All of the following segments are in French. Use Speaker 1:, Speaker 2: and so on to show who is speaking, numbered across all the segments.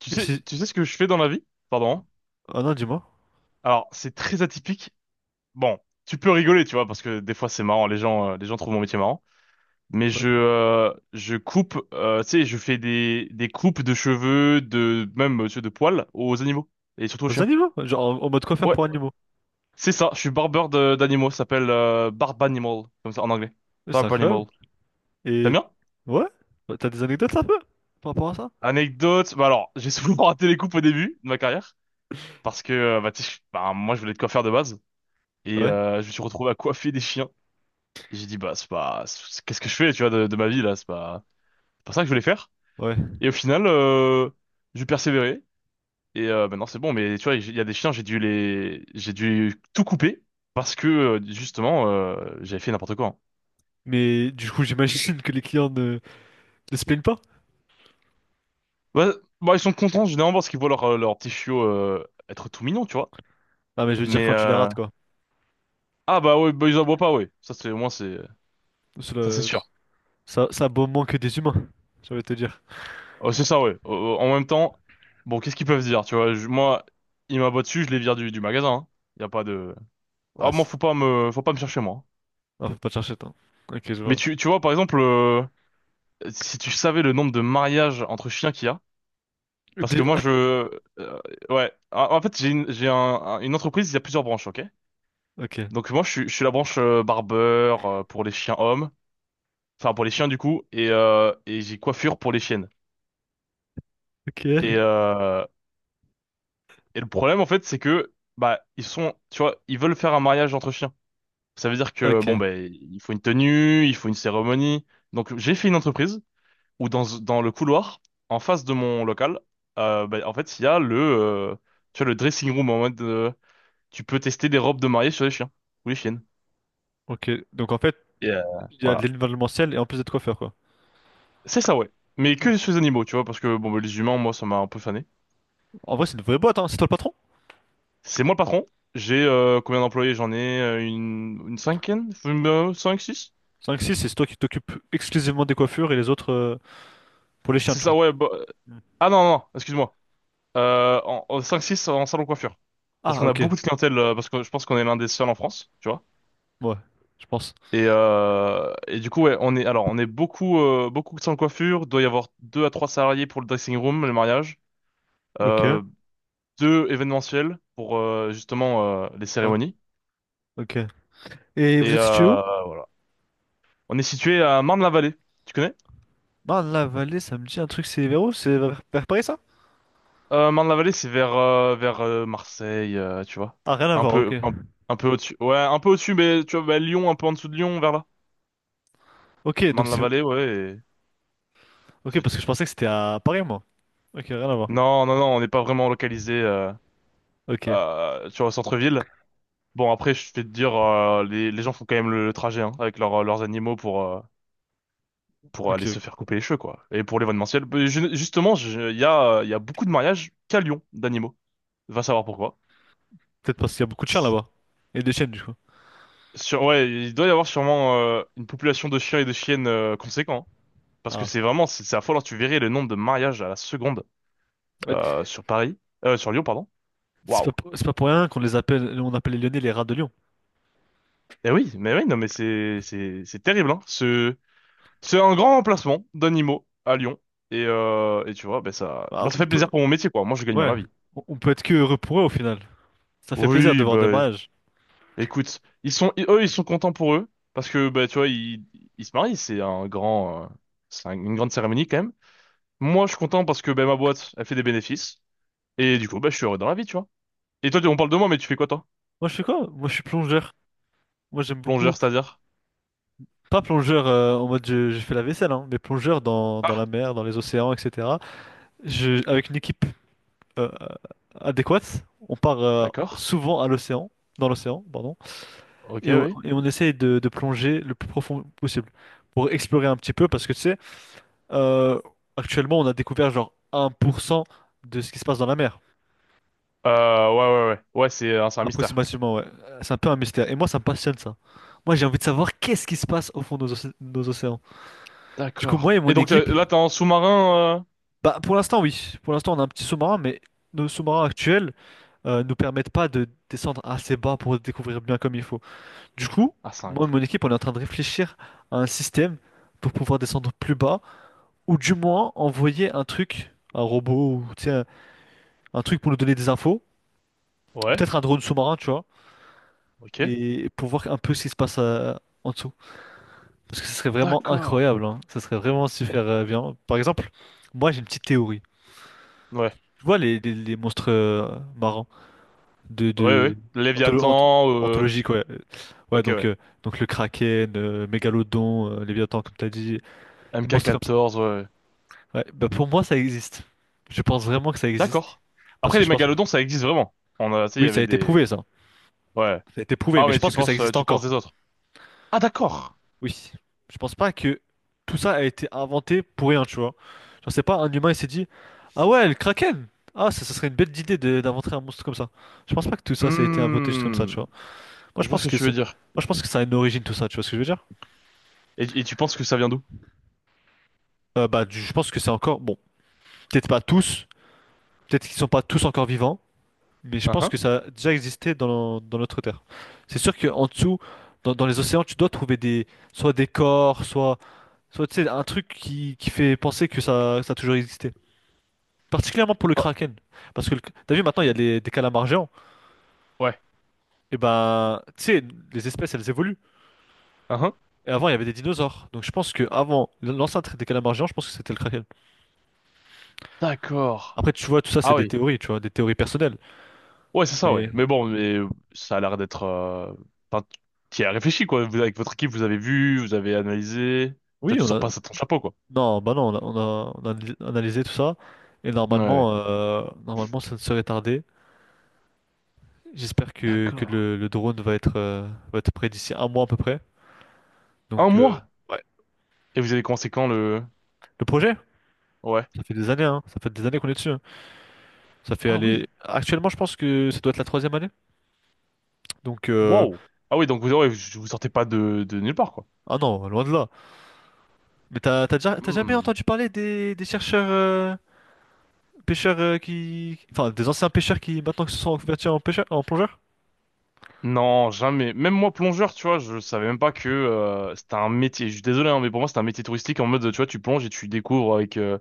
Speaker 1: Et si...
Speaker 2: Tu sais ce que je fais dans la vie? Pardon. Hein
Speaker 1: Ah non, dis-moi.
Speaker 2: Alors, c'est très atypique. Bon, tu peux rigoler, tu vois, parce que des fois c'est marrant, les gens trouvent mon métier marrant. Mais
Speaker 1: Ouais.
Speaker 2: je coupe, tu sais, je fais des coupes de cheveux, de même tu sais, de poils aux animaux et surtout aux
Speaker 1: Aux
Speaker 2: chiens.
Speaker 1: animaux, genre en mode coiffeur
Speaker 2: Ouais,
Speaker 1: pour animaux.
Speaker 2: c'est ça. Je suis d'animaux. Ça s'appelle barb animal, comme ça en anglais.
Speaker 1: Mais c'est
Speaker 2: Barb
Speaker 1: incroyable.
Speaker 2: animal. T'aimes
Speaker 1: Et
Speaker 2: bien?
Speaker 1: ouais, t'as des anecdotes un peu par rapport à ça?
Speaker 2: Anecdote. Bah alors, j'ai souvent raté les coupes au début de ma carrière parce que bah, tu sais, bah, moi je voulais être coiffeur de base et
Speaker 1: Ouais,
Speaker 2: je me suis retrouvé à coiffer des chiens. J'ai dit, bah, c'est pas, c'est- qu'est-ce que je fais, tu vois, de ma vie, là, c'est pas ça que je voulais faire.
Speaker 1: ouais.
Speaker 2: Et au final, j'ai persévéré. Et maintenant, c'est bon, mais tu vois, il y a des chiens, j'ai dû tout couper parce que, justement, j'avais fait n'importe quoi. Hein.
Speaker 1: Mais du coup, j'imagine que les clients ne se plaignent pas.
Speaker 2: Ouais, bah, ils sont contents, généralement, parce qu'ils voient leur petit chiot, être tout mignon, tu vois.
Speaker 1: Ah, mais je veux dire,
Speaker 2: Mais,
Speaker 1: quand tu les
Speaker 2: euh,
Speaker 1: rates, quoi.
Speaker 2: ah, bah, ouais, bah, ils aboient pas, ouais. Ça, c'est, au moins, c'est,
Speaker 1: Sous
Speaker 2: ça, c'est
Speaker 1: le-
Speaker 2: sûr.
Speaker 1: Ça, ça vaut moins que des humains, j'allais te dire.
Speaker 2: Oh, c'est ça, ouais. Oh, oh, en même temps, bon, qu'est-ce qu'ils peuvent dire, tu vois, moi, ils m'aboient dessus, je les vire du magasin, hein. Y a pas de, Ah,
Speaker 1: Ah,
Speaker 2: moi,
Speaker 1: c'est-
Speaker 2: faut pas me chercher, moi.
Speaker 1: ah, faut pas te chercher, attends. Ok, je
Speaker 2: Mais
Speaker 1: vois.
Speaker 2: tu vois, par exemple, si tu savais le nombre de mariages entre chiens qu'il y a, parce que
Speaker 1: Des-
Speaker 2: euh, ouais, en fait, j'ai une, j'ai un- une entreprise, il y a plusieurs branches, ok?
Speaker 1: Ok,
Speaker 2: Donc moi, je suis la branche barbeur pour les chiens hommes, enfin pour les chiens du coup, et j'ai coiffure pour les chiennes.
Speaker 1: ok,
Speaker 2: Et euh, et le problème, en fait, c'est que, bah, ils sont, tu vois, ils veulent faire un mariage entre chiens. Ça veut dire que,
Speaker 1: ok,
Speaker 2: bon, ben, il faut une tenue, il faut une cérémonie. Donc j'ai fait une entreprise, où dans le couloir, en face de mon local, bah, en fait, il y a le, tu vois, le dressing room en mode tu peux tester des robes de mariée sur les chiens ou les chiennes.
Speaker 1: ok. Donc en fait,
Speaker 2: Et, euh,
Speaker 1: il y a de
Speaker 2: Voilà.
Speaker 1: l'événementiel et en plus d'être coiffeur, quoi.
Speaker 2: C'est ça, ouais. Mais que sur les animaux, tu vois, parce que bon, bah, les humains, moi, ça m'a un peu fané.
Speaker 1: En vrai, c'est une vraie boîte, hein. C'est toi le patron?
Speaker 2: C'est moi le patron. J'ai combien d'employés? J'en ai une cinquaine? Cinq, six?
Speaker 1: Cinq six, c'est toi qui t'occupes exclusivement des coiffures et les autres pour les chiens,
Speaker 2: C'est
Speaker 1: tu
Speaker 2: ça,
Speaker 1: vois.
Speaker 2: ouais. Ah non, non, non, excuse-moi. En cinq, six en salon coiffure. Parce
Speaker 1: Ah,
Speaker 2: qu'on a
Speaker 1: ok.
Speaker 2: beaucoup de clientèle, parce que je pense qu'on est l'un des seuls en France, tu vois.
Speaker 1: Ouais, je pense.
Speaker 2: Et du coup, ouais, on est, alors, on est beaucoup, beaucoup sans coiffure. Doit y avoir deux à trois salariés pour le dressing room, le mariage.
Speaker 1: Ok.
Speaker 2: Euh, deux événementiels pour justement les
Speaker 1: Ouais,
Speaker 2: cérémonies.
Speaker 1: ok. Et vous
Speaker 2: Et
Speaker 1: êtes situé où?
Speaker 2: on est situé à Marne-la-Vallée. Tu connais?
Speaker 1: Dans la vallée, ça me dit un truc, c'est vers où? C'est vers Paris, ça?
Speaker 2: Marne-la-Vallée, c'est vers Marseille, tu vois.
Speaker 1: Ah, rien à
Speaker 2: Un
Speaker 1: voir, ok.
Speaker 2: peu, un, un peu au-dessus. Ouais, un peu au-dessus, mais tu vois, bah, Lyon, un peu en dessous de Lyon, vers là.
Speaker 1: Ok, donc c'est...
Speaker 2: Marne-la-Vallée, ouais, et
Speaker 1: Ok,
Speaker 2: c'est
Speaker 1: parce
Speaker 2: tout.
Speaker 1: que je pensais que c'était à Paris, moi. Ok, rien à voir.
Speaker 2: Non, non, non, on n'est pas vraiment localisé,
Speaker 1: Ok,
Speaker 2: tu vois, au centre-ville. Bon, après, je vais te dire, les gens font quand même le trajet hein, avec leurs animaux pour aller
Speaker 1: ok.
Speaker 2: se faire couper les cheveux, quoi. Et pour l'événementiel, ben, il y a beaucoup de mariages qu'à Lyon d'animaux. Va savoir pourquoi.
Speaker 1: Peut-être parce qu'il y a beaucoup de chiens
Speaker 2: C'est-
Speaker 1: là-bas. Et des chiennes, du coup.
Speaker 2: Sur, ouais, il doit y avoir sûrement une population de chiens et de chiennes conséquent. Parce que
Speaker 1: Ah.
Speaker 2: c'est vraiment, c'est affolant. Tu verrais le nombre de mariages à la seconde
Speaker 1: Ouais.
Speaker 2: sur Paris, sur Lyon, pardon.
Speaker 1: C'est pas,
Speaker 2: Waouh.
Speaker 1: c'est pas pour rien qu'on les appelle... On appelle les Lyonnais les rats de Lyon.
Speaker 2: Eh oui, mais oui, non, mais c'est terrible, hein. Ce C'est un grand emplacement d'animaux à Lyon. Et tu vois, ben ça, bah
Speaker 1: Bah,
Speaker 2: ça
Speaker 1: on
Speaker 2: fait
Speaker 1: peut...
Speaker 2: plaisir pour mon métier, quoi. Moi, je gagne bien
Speaker 1: Ouais.
Speaker 2: ma vie.
Speaker 1: On peut être que heureux pour eux, au final. Ça fait plaisir de
Speaker 2: Oui,
Speaker 1: voir des
Speaker 2: bah,
Speaker 1: mariages.
Speaker 2: écoute, eux, ils sont contents pour eux. Parce que, bah, tu vois, ils se marient. C'est une grande cérémonie, quand même. Moi, je suis content parce que, ben ma boîte, elle fait des bénéfices. Et du coup, bah, je suis heureux dans la vie, tu vois. Et toi, on parle de moi, mais tu fais quoi, toi?
Speaker 1: Moi, je fais quoi? Moi, je suis plongeur. Moi, j'aime beaucoup,
Speaker 2: Plongeur, c'est-à-dire?
Speaker 1: pas plongeur en mode je fais la vaisselle, hein, mais plongeur dans
Speaker 2: Ah,
Speaker 1: la mer, dans les océans, etc. Je, avec une équipe euh, euh, adéquate, on part
Speaker 2: d'accord.
Speaker 1: souvent à l'océan, dans l'océan, pardon,
Speaker 2: Ok,
Speaker 1: et on,
Speaker 2: oui.
Speaker 1: et on essaye de plonger le plus profond possible pour explorer un petit peu, parce que tu sais, euh, actuellement, on a découvert genre 1% de ce qui se passe dans la mer,
Speaker 2: Ouais, ouais, ouais. Ouais, c'est un mystère.
Speaker 1: approximativement, ouais. C'est un peu un mystère. Et moi, ça me passionne ça. Moi, j'ai envie de savoir qu'est-ce qui se passe au fond de nos océans. Du coup, moi et
Speaker 2: D'accord.
Speaker 1: mon
Speaker 2: Et donc,
Speaker 1: équipe,
Speaker 2: là, t'es en sous-marin,
Speaker 1: bah, pour l'instant, oui. Pour l'instant, on a un petit sous-marin, mais nos sous-marins actuels nous permettent pas de descendre assez bas pour découvrir bien comme il faut. Du coup,
Speaker 2: Ah, c'est
Speaker 1: moi et mon équipe, on est en train de réfléchir à un système pour pouvoir descendre plus bas, ou du moins envoyer un truc, un robot, ou tu sais, un truc pour nous donner des infos,
Speaker 2: incroyable.
Speaker 1: peut-être un drone sous-marin, tu vois,
Speaker 2: Ok.
Speaker 1: et pour voir un peu ce qui se passe en dessous. Parce que ce serait vraiment
Speaker 2: D'accord.
Speaker 1: incroyable, hein. Ça serait vraiment super bien. Par exemple, moi j'ai une petite théorie.
Speaker 2: Ouais.
Speaker 1: Tu vois les monstres marrants de,
Speaker 2: Ouais, ouais.
Speaker 1: de
Speaker 2: ouais.
Speaker 1: antholo- anth-
Speaker 2: Léviathan,
Speaker 1: anthologiques, ouais. Ouais,
Speaker 2: Ok,
Speaker 1: donc,
Speaker 2: ouais.
Speaker 1: euh, donc le Kraken, Mégalodon, Léviathan, comme t'as dit, les monstres comme ça.
Speaker 2: MK14, ouais. ouais.
Speaker 1: Ouais, bah pour moi, ça existe. Je pense vraiment que ça existe.
Speaker 2: D'accord.
Speaker 1: Parce
Speaker 2: Après,
Speaker 1: que
Speaker 2: les
Speaker 1: je pense.
Speaker 2: mégalodons, ça existe vraiment. On a, tu sais, il y
Speaker 1: Oui, ça a
Speaker 2: avait
Speaker 1: été
Speaker 2: des...
Speaker 1: prouvé, ça.
Speaker 2: Ouais.
Speaker 1: Ça a été prouvé,
Speaker 2: Ah,
Speaker 1: mais je
Speaker 2: mais
Speaker 1: pense que ça existe
Speaker 2: tu penses
Speaker 1: encore.
Speaker 2: des autres. Ah, d'accord.
Speaker 1: Oui. Je pense pas que tout ça a été inventé pour rien, tu vois. Genre, c'est pas un humain, il s'est dit, ah ouais, le Kraken! Ah, ça serait une belle idée d'inventer un monstre comme ça. Je pense pas que tout ça, ça a été inventé juste comme ça, tu
Speaker 2: Hmm.
Speaker 1: vois. Moi,
Speaker 2: Je
Speaker 1: je
Speaker 2: vois ce
Speaker 1: pense
Speaker 2: que
Speaker 1: que
Speaker 2: tu
Speaker 1: ça,
Speaker 2: veux dire.
Speaker 1: Moi, je pense que ça a une origine tout ça, tu vois ce que je veux dire?
Speaker 2: Et tu penses que ça vient d'où?
Speaker 1: Bah, je pense que c'est encore, bon, peut-être pas tous, peut-être qu'ils sont pas tous encore vivants, mais je
Speaker 2: Ah,
Speaker 1: pense
Speaker 2: Hein?
Speaker 1: que ça a déjà existé dans notre Terre. C'est sûr qu'en dessous, dans les océans, tu dois trouver des, soit des corps, soit, soit tu sais, un truc qui fait penser que ça a toujours existé. Particulièrement pour le
Speaker 2: Oh,
Speaker 1: Kraken, parce que t'as vu maintenant il y a des calamars géants,
Speaker 2: ouais.
Speaker 1: et ben, tu sais, les espèces elles évoluent.
Speaker 2: Ah, Hein?
Speaker 1: Et avant il y avait des dinosaures, donc je pense que avant l'ancêtre des calamars géants, je pense que c'était le Kraken.
Speaker 2: D'accord.
Speaker 1: Après, tu vois, tout ça, c'est
Speaker 2: Ah
Speaker 1: des
Speaker 2: oui.
Speaker 1: théories, tu vois, des théories personnelles.
Speaker 2: Ouais, c'est ça, ouais.
Speaker 1: Mais
Speaker 2: Mais bon, mais ça a l'air d'être... Enfin, tu y as réfléchi, quoi. Vous, avec votre équipe, vous avez vu, vous avez analysé. Toi,
Speaker 1: oui,
Speaker 2: tu
Speaker 1: on
Speaker 2: sors pas
Speaker 1: a.
Speaker 2: ça de ton chapeau, quoi.
Speaker 1: Non, bah non, on a analysé tout ça. Et
Speaker 2: Ouais. ouais.
Speaker 1: normalement, ça ne serait tardé. J'espère que
Speaker 2: D'accord.
Speaker 1: le drone va être, prêt d'ici un mois à peu près.
Speaker 2: Un
Speaker 1: Donc,
Speaker 2: mois?
Speaker 1: ouais.
Speaker 2: Et vous avez commencé quand le...
Speaker 1: Le projet,
Speaker 2: Ouais.
Speaker 1: ça fait des années, hein. Ça fait des années qu'on est dessus. Hein. Ça fait
Speaker 2: Ah
Speaker 1: aller.
Speaker 2: oui.
Speaker 1: Actuellement, je pense que ça doit être la troisième année. Donc, euh,
Speaker 2: Wow. Ah oui, donc vous, ouais, vous sortez pas de nulle part, quoi.
Speaker 1: ah non, loin de là. Mais t'as jamais
Speaker 2: Hmm.
Speaker 1: entendu parler des chercheurs. Pêcheurs qui... Enfin, des anciens pêcheurs qui maintenant se sont reconvertis en pêcheurs, en plongeurs?
Speaker 2: Non, jamais. Même moi, plongeur, tu vois, je savais même pas que c'était un métier. Je suis désolé, hein, mais pour moi, c'était un métier touristique en mode, tu vois, tu plonges et tu découvres avec,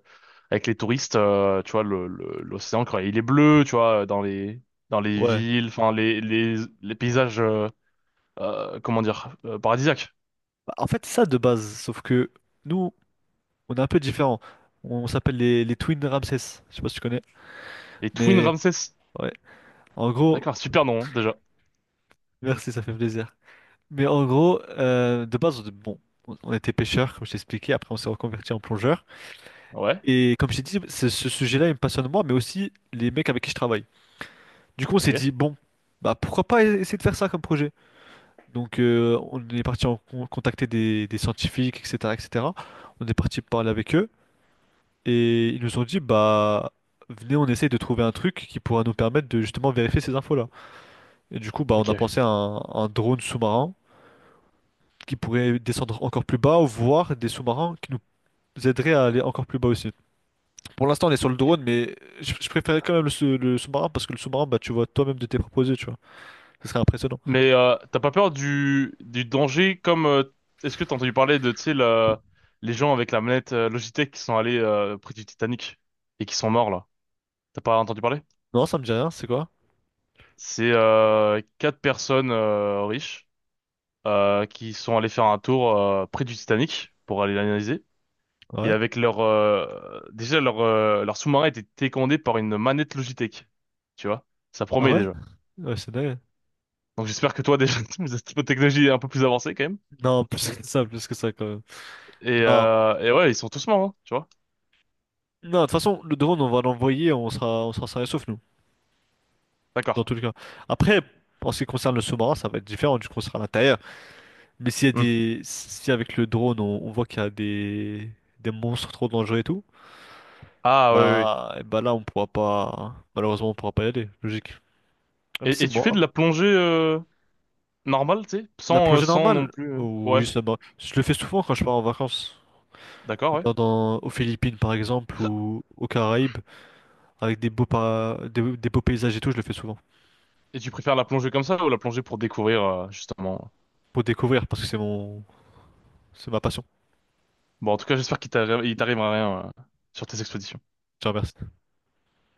Speaker 2: avec les touristes, tu vois, l'océan, quand il est bleu, tu vois, dans les
Speaker 1: Ouais.
Speaker 2: villes, enfin, les paysages, comment dire, paradisiaques.
Speaker 1: Bah, en fait, c'est ça de base, sauf que nous, on est un peu différents. On s'appelle les Twin Ramsès. Je sais pas si tu connais.
Speaker 2: Les Twin
Speaker 1: Mais
Speaker 2: Ramses.
Speaker 1: ouais, en gros,
Speaker 2: D'accord, super nom, hein, déjà.
Speaker 1: merci, ça fait plaisir. Mais en gros, de base, bon, on était pêcheurs, comme je t'ai expliqué. Après, on s'est reconverti en plongeurs.
Speaker 2: Ouais,
Speaker 1: Et comme je t'ai dit, ce sujet-là, il me passionne moi, mais aussi les mecs avec qui je travaille. Du coup, on s'est
Speaker 2: ok,
Speaker 1: dit, bon, bah pourquoi pas essayer de faire ça comme projet? Donc, on est parti en contacter des scientifiques, etc., etc. On est parti parler avec eux et ils nous ont dit, bah, venez, on essaye de trouver un truc qui pourra nous permettre de justement vérifier ces infos-là. Et du coup, bah, on a
Speaker 2: ok.
Speaker 1: pensé à un drone sous-marin qui pourrait descendre encore plus bas, ou voir des sous-marins qui nous aideraient à aller encore plus bas aussi. Pour l'instant, on est sur le drone, mais je préférais quand même le sous-marin parce que le sous-marin, bah, tu vois toi-même de tes proposés, tu vois. Ce serait impressionnant.
Speaker 2: Mais t'as pas peur du danger comme est-ce que t'as entendu parler de tu sais la- les gens avec la manette Logitech qui sont allés près du Titanic et qui sont morts là. T'as pas entendu parler?
Speaker 1: Non, ça me dit rien, c'est quoi?
Speaker 2: C'est 4 personnes riches qui sont allées faire un tour près du Titanic pour aller l'analyser et
Speaker 1: Ouais.
Speaker 2: avec leur déjà leur leur sous-marin était télécommandé par une manette Logitech. Tu vois? Ça
Speaker 1: Ah
Speaker 2: promet
Speaker 1: ouais?
Speaker 2: déjà.
Speaker 1: Ouais, c'est dingue.
Speaker 2: Donc j'espère que toi déjà tu as cette technologie un peu plus avancée quand même.
Speaker 1: Non, plus que ça quand même. Non,
Speaker 2: Et ouais, ils sont tous morts, hein, tu vois.
Speaker 1: non, de toute façon, le drone, on va l'envoyer, on sera sain et sauf, nous, dans
Speaker 2: D'accord.
Speaker 1: tous les cas. Après, en ce qui concerne le sous-marin, ça va être différent, du coup, on sera à l'intérieur. Mais s'il y a
Speaker 2: Hmm.
Speaker 1: des. Si avec le drone, on voit qu'il y a des... monstres trop dangereux et tout,
Speaker 2: Ah, ouais, ouais. ouais.
Speaker 1: bah, eh bah là, on pourra pas. Malheureusement, on pourra pas y aller, logique. Même si
Speaker 2: Et tu fais
Speaker 1: moi,
Speaker 2: de la plongée normale, tu sais?
Speaker 1: la
Speaker 2: Sans,
Speaker 1: plongée
Speaker 2: sans non
Speaker 1: normale,
Speaker 2: plus...
Speaker 1: oui,
Speaker 2: Ouais,
Speaker 1: ça va. Je le fais souvent quand je pars en vacances.
Speaker 2: d'accord, ouais.
Speaker 1: Aux Philippines, par exemple, ou aux Caraïbes, avec des beaux paysages et tout, je le fais souvent.
Speaker 2: Et tu préfères la plongée comme ça ou la plongée pour découvrir, justement?
Speaker 1: Pour découvrir parce que c'est mon c'est ma passion.
Speaker 2: Bon, en tout cas, il t'arrivera rien sur tes expéditions.
Speaker 1: Je te remercie.